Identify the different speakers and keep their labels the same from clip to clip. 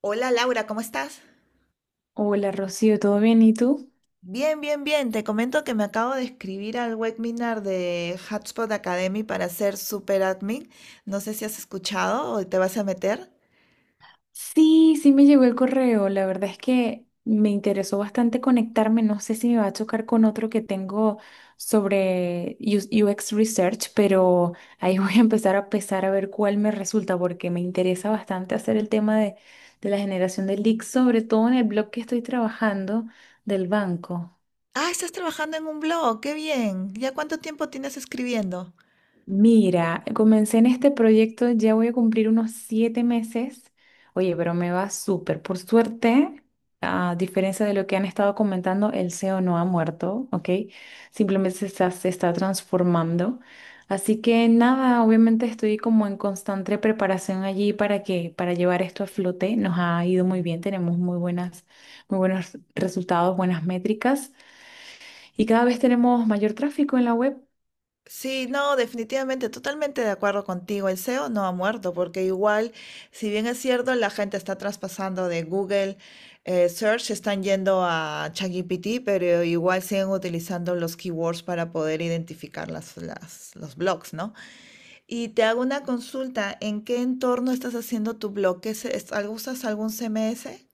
Speaker 1: Hola Laura, ¿cómo estás?
Speaker 2: Hola Rocío, ¿todo bien? ¿Y tú?
Speaker 1: Bien, bien, bien. Te comento que me acabo de escribir al webinar de Hotspot Academy para ser super admin. No sé si has escuchado o te vas a meter.
Speaker 2: Sí, me llegó el correo. La verdad es que me interesó bastante conectarme. No sé si me va a chocar con otro que tengo sobre UX Research, pero ahí voy a empezar a pesar a ver cuál me resulta porque me interesa bastante hacer el tema de la generación de leads, sobre todo en el blog que estoy trabajando del banco.
Speaker 1: Ah, estás trabajando en un blog, qué bien. ¿Ya cuánto tiempo tienes escribiendo?
Speaker 2: Mira, comencé en este proyecto, ya voy a cumplir unos 7 meses. Oye, pero me va súper. Por suerte, a diferencia de lo que han estado comentando, el SEO no ha muerto, ¿ok? Simplemente se está transformando. Así que nada, obviamente estoy como en constante preparación allí para para llevar esto a flote. Nos ha ido muy bien, tenemos muy muy buenos resultados, buenas métricas y cada vez tenemos mayor tráfico en la web.
Speaker 1: Sí, no, definitivamente, totalmente de acuerdo contigo. El SEO no ha muerto, porque igual, si bien es cierto, la gente está traspasando de Google Search, están yendo a ChatGPT, pero igual siguen utilizando los keywords para poder identificar los blogs, ¿no? Y te hago una consulta, ¿en qué entorno estás haciendo tu blog? ¿Qué es, usas algún CMS?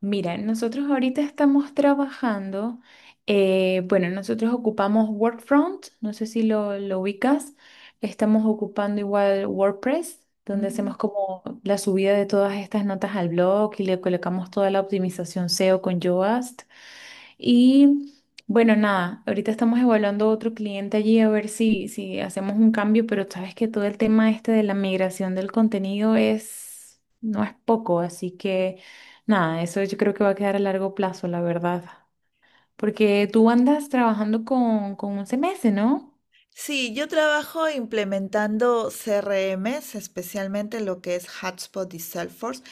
Speaker 2: Mira, nosotros ahorita estamos trabajando, bueno, nosotros ocupamos Workfront, no sé si lo ubicas, estamos ocupando igual WordPress, donde hacemos como la subida de todas estas notas al blog y le colocamos toda la optimización SEO con Yoast. Y bueno, nada, ahorita estamos evaluando otro cliente allí a ver si hacemos un cambio, pero sabes que todo el tema este de la migración del contenido es, no es poco, así que nada, eso yo creo que va a quedar a largo plazo, la verdad. Porque tú andas trabajando con 11 meses, ¿no?
Speaker 1: Sí, yo trabajo implementando CRMs, especialmente lo que es Hotspot y Salesforce.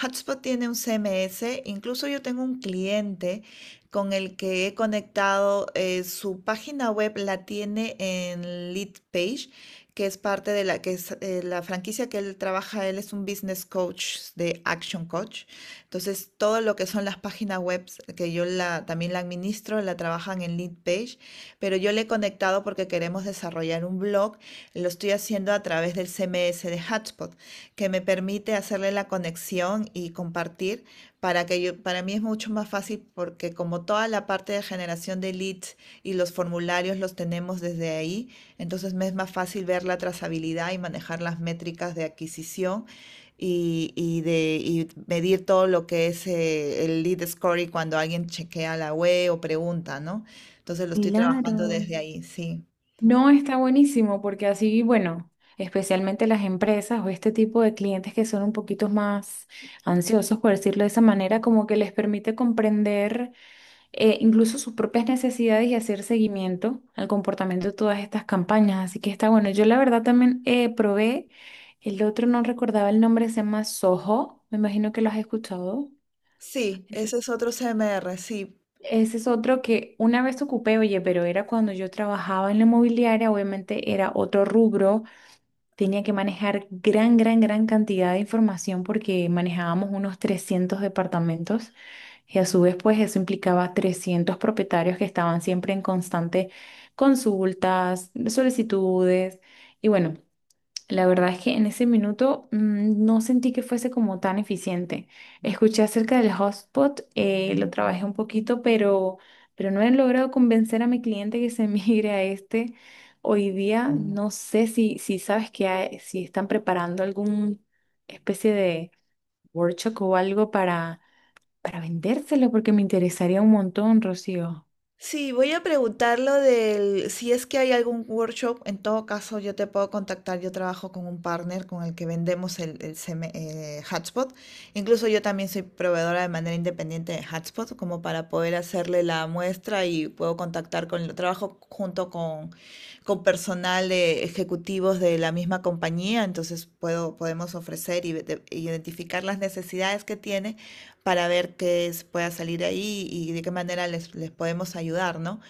Speaker 1: Hotspot tiene un CMS, incluso yo tengo un cliente con el que he conectado, su página web la tiene en Lead Page, que es parte de la que es, la franquicia que él trabaja, él es un business coach de Action Coach. Entonces, todo lo que son las páginas web que también la administro, la trabajan en Lead Page pero yo le he conectado porque queremos desarrollar un blog. Lo estoy haciendo a través del CMS de Hotspot, que me permite hacerle la conexión y compartir para que yo, para mí es mucho más fácil porque como toda la parte de generación de leads y los formularios los tenemos desde ahí, entonces me es más fácil ver la trazabilidad y manejar las métricas de adquisición y medir todo lo que es el lead score y cuando alguien chequea la web o pregunta, ¿no? Entonces lo estoy
Speaker 2: Claro.
Speaker 1: trabajando desde ahí, sí.
Speaker 2: No está buenísimo porque así, bueno, especialmente las empresas o este tipo de clientes que son un poquito más ansiosos, por decirlo de esa manera, como que les permite comprender incluso sus propias necesidades y hacer seguimiento al comportamiento de todas estas campañas. Así que está bueno. Yo la verdad también probé, el otro no recordaba el nombre, se llama Soho, me imagino que lo has escuchado.
Speaker 1: Sí,
Speaker 2: Ese
Speaker 1: ese es otro C M R, sí.
Speaker 2: Ese es otro que una vez ocupé, oye, pero era cuando yo trabajaba en la inmobiliaria, obviamente era otro rubro. Tenía que manejar gran, gran, gran cantidad de información porque manejábamos unos 300 departamentos y a su vez pues eso implicaba 300 propietarios que estaban siempre en constante consultas, solicitudes y bueno, la verdad es que en ese minuto no sentí que fuese como tan eficiente. Escuché acerca del hotspot, lo trabajé un poquito, pero no he logrado convencer a mi cliente que se migre a este. Hoy día no sé si sabes que si están preparando alguna especie de workshop o algo para vendérselo, porque me interesaría un montón, Rocío.
Speaker 1: Sí, voy a preguntar lo del, si es que hay algún workshop. En todo caso yo te puedo contactar, yo trabajo con un partner con el que vendemos hotspot, incluso yo también soy proveedora de manera independiente de hotspot, como para poder hacerle la muestra y puedo contactar con, trabajo junto con personal de ejecutivos de la misma compañía, entonces puedo, podemos ofrecer y identificar las necesidades que tiene para ver qué pueda salir ahí y de qué manera les, les podemos ayudar, ¿no?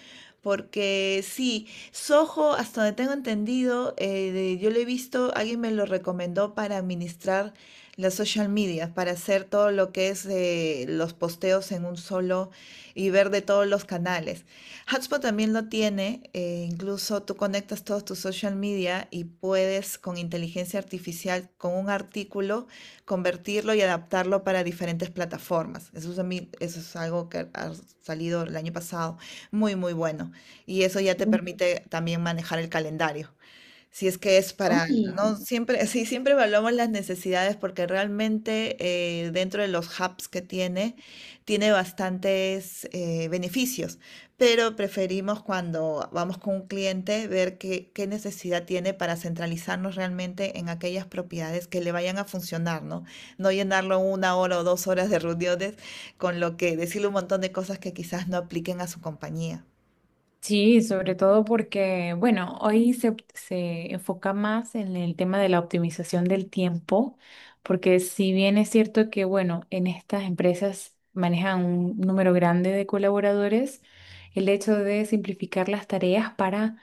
Speaker 1: Porque sí, Soho, hasta donde tengo entendido, yo lo he visto, alguien me lo recomendó para administrar las social media, para hacer todo lo que es los posteos en un solo y ver de todos los canales. Hotspot también lo tiene, incluso tú conectas todos tus social media y puedes con inteligencia artificial, con un artículo, convertirlo y adaptarlo para diferentes plataformas. Eso es, a mí, eso es algo que ha salido el año pasado, muy, muy bueno. Y eso ya te permite también manejar el calendario. Si es que es para, no siempre, sí, siempre evaluamos las necesidades porque realmente dentro de los hubs que tiene, tiene bastantes beneficios, pero preferimos cuando vamos con un cliente ver qué, qué necesidad tiene para centralizarnos realmente en aquellas propiedades que le vayan a funcionar, ¿no? No llenarlo una hora o dos horas de reuniones con lo que decirle un montón de cosas que quizás no apliquen a su compañía.
Speaker 2: Sí, sobre todo porque, bueno, hoy se enfoca más en el tema de la optimización del tiempo, porque si bien es cierto que, bueno, en estas empresas manejan un número grande de colaboradores, el hecho de simplificar las tareas para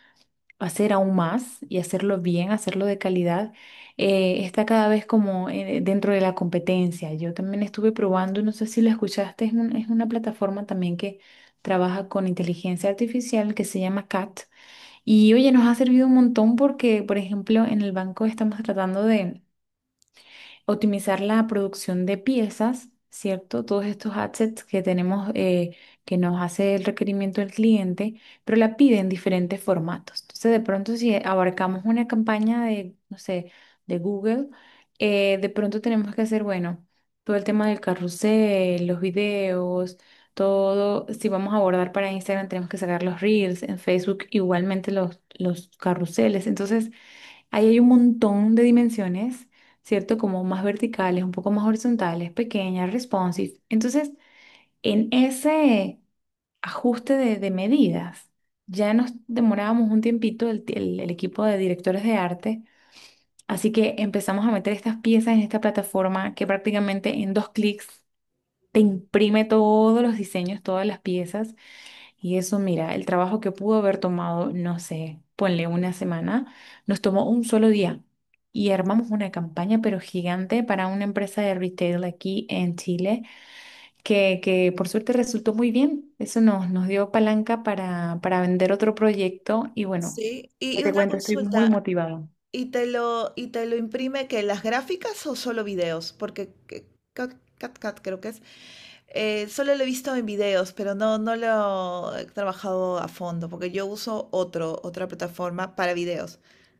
Speaker 2: hacer aún más y hacerlo bien, hacerlo de calidad, está cada vez como dentro de la competencia. Yo también estuve probando, no sé si lo escuchaste, es, es una plataforma también que trabaja con inteligencia artificial que se llama CAT. Y oye, nos ha servido un montón porque, por ejemplo, en el banco estamos tratando de optimizar la producción de piezas, ¿cierto? Todos estos assets que tenemos, que nos hace el requerimiento del cliente, pero la pide en diferentes formatos. Entonces, de pronto, si abarcamos una campaña de, no sé, de Google, de pronto tenemos que hacer, bueno, todo el tema del carrusel, los videos. Todo, si vamos a abordar para Instagram, tenemos que sacar los reels, en Facebook igualmente los carruseles. Entonces, ahí hay un montón de dimensiones, ¿cierto? Como más verticales, un poco más horizontales, pequeñas, responsive. Entonces, en ese ajuste de medidas, ya nos demorábamos un tiempito el equipo de directores de arte, así que empezamos a meter estas piezas en esta plataforma que prácticamente en dos clics te imprime todos los diseños, todas las piezas. Y eso, mira, el trabajo que pudo haber tomado, no sé, ponle una semana, nos tomó un solo día. Y armamos una campaña, pero gigante, para una empresa de retail aquí en Chile, que por suerte resultó muy bien. Eso nos dio palanca para vender otro proyecto. Y bueno,
Speaker 1: Sí, y
Speaker 2: ¿qué
Speaker 1: y
Speaker 2: te
Speaker 1: una
Speaker 2: cuento? Estoy muy
Speaker 1: consulta,
Speaker 2: motivado.
Speaker 1: Y te lo imprime que las gráficas o solo videos? Cat, Cat creo que es. Eh, solo lo he visto en videos, pero no, no lo he trabajado a fondo, porque yo uso otra plataforma para videos.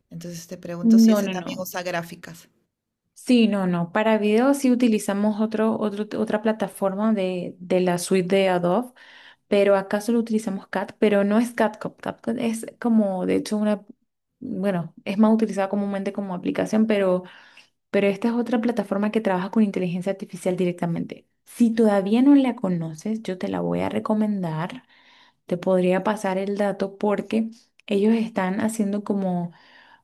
Speaker 1: Entonces te pregunto si
Speaker 2: No,
Speaker 1: ese
Speaker 2: no,
Speaker 1: también
Speaker 2: no.
Speaker 1: usa gráficas.
Speaker 2: Sí, no, no. Para video sí utilizamos otra plataforma de la suite de Adobe. Pero acá solo utilizamos cat, pero no es CatCut. CatCut es como, de hecho, una, bueno, es más utilizada comúnmente como aplicación, pero esta es otra plataforma que trabaja con inteligencia artificial directamente. Si todavía no la conoces, yo te la voy a recomendar. Te podría pasar el dato porque ellos están haciendo como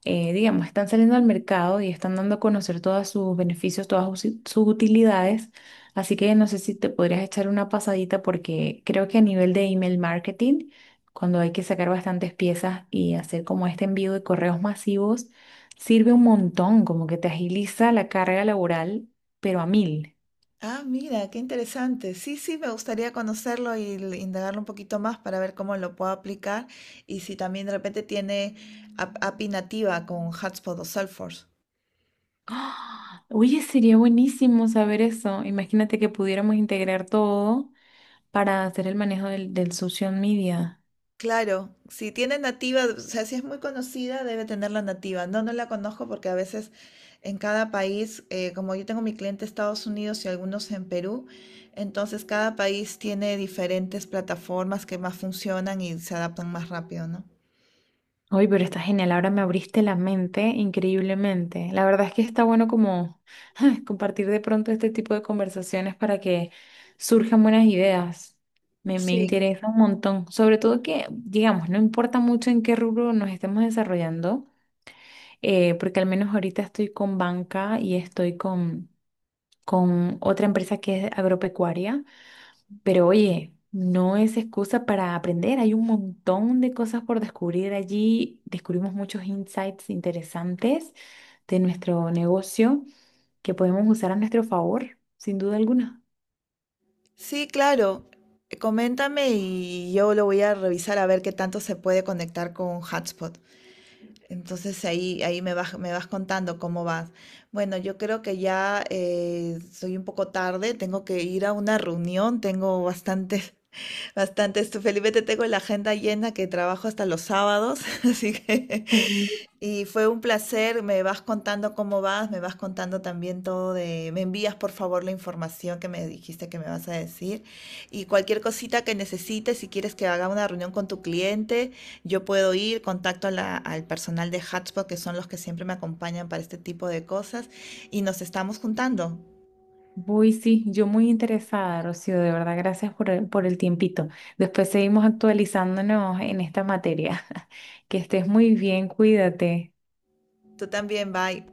Speaker 2: digamos, están saliendo al mercado y están dando a conocer todos sus beneficios, todas sus utilidades. Así que no sé si te podrías echar una pasadita porque creo que a nivel de email marketing, cuando hay que sacar bastantes piezas y hacer como este envío de correos masivos, sirve un montón, como que te agiliza la carga laboral, pero a mil.
Speaker 1: Ah, mira, qué interesante. Sí, sí, me gustaría conocerlo y indagarlo un poquito más para ver cómo lo puedo aplicar y si también de repente tiene API nativa con Hotspot o Salesforce.
Speaker 2: ¡Ah! Oye, sería buenísimo saber eso. Imagínate que pudiéramos integrar todo para hacer el manejo del social media.
Speaker 1: Claro, si tiene nativa, o sea, si es muy conocida, debe tener la nativa. No, no la conozco porque a veces en cada país, como yo tengo mi cliente en Estados Unidos y algunos en Perú, entonces cada país tiene diferentes plataformas que más funcionan y se adaptan más rápido, ¿no?
Speaker 2: Oye, pero está genial, ahora me abriste la mente increíblemente. La verdad es que está bueno como compartir de pronto este tipo de conversaciones para que surjan buenas ideas. Me
Speaker 1: Sí.
Speaker 2: interesa un montón, sobre todo que, digamos, no importa mucho en qué rubro nos estemos desarrollando, porque al menos ahorita estoy con banca y estoy con otra empresa que es agropecuaria. Pero oye, no es excusa para aprender, hay un montón de cosas por descubrir allí, descubrimos muchos insights interesantes de nuestro negocio que podemos usar a nuestro favor, sin duda alguna.
Speaker 1: Sí, claro. Coméntame y yo lo voy a revisar a ver qué tanto se puede conectar con Hotspot. Entonces me vas contando cómo vas. Bueno, yo creo que ya soy un poco tarde, tengo que ir a una reunión, tengo bastantes, bastantes, felizmente tengo la agenda llena que trabajo hasta los sábados, así que
Speaker 2: Ujú.
Speaker 1: y fue un placer, me vas contando cómo vas, me vas contando también todo de, me envías por favor la información que me dijiste que me vas a decir y cualquier cosita que necesites, si quieres que haga una reunión con tu cliente, yo puedo ir, contacto a al personal de Hotspot, que son los que siempre me acompañan para este tipo de cosas y nos estamos juntando.
Speaker 2: Voy, sí, yo muy interesada, Rocío, de verdad, gracias por por el tiempito. Después seguimos actualizándonos en esta materia. Que estés muy bien, cuídate.
Speaker 1: Tú también, bye.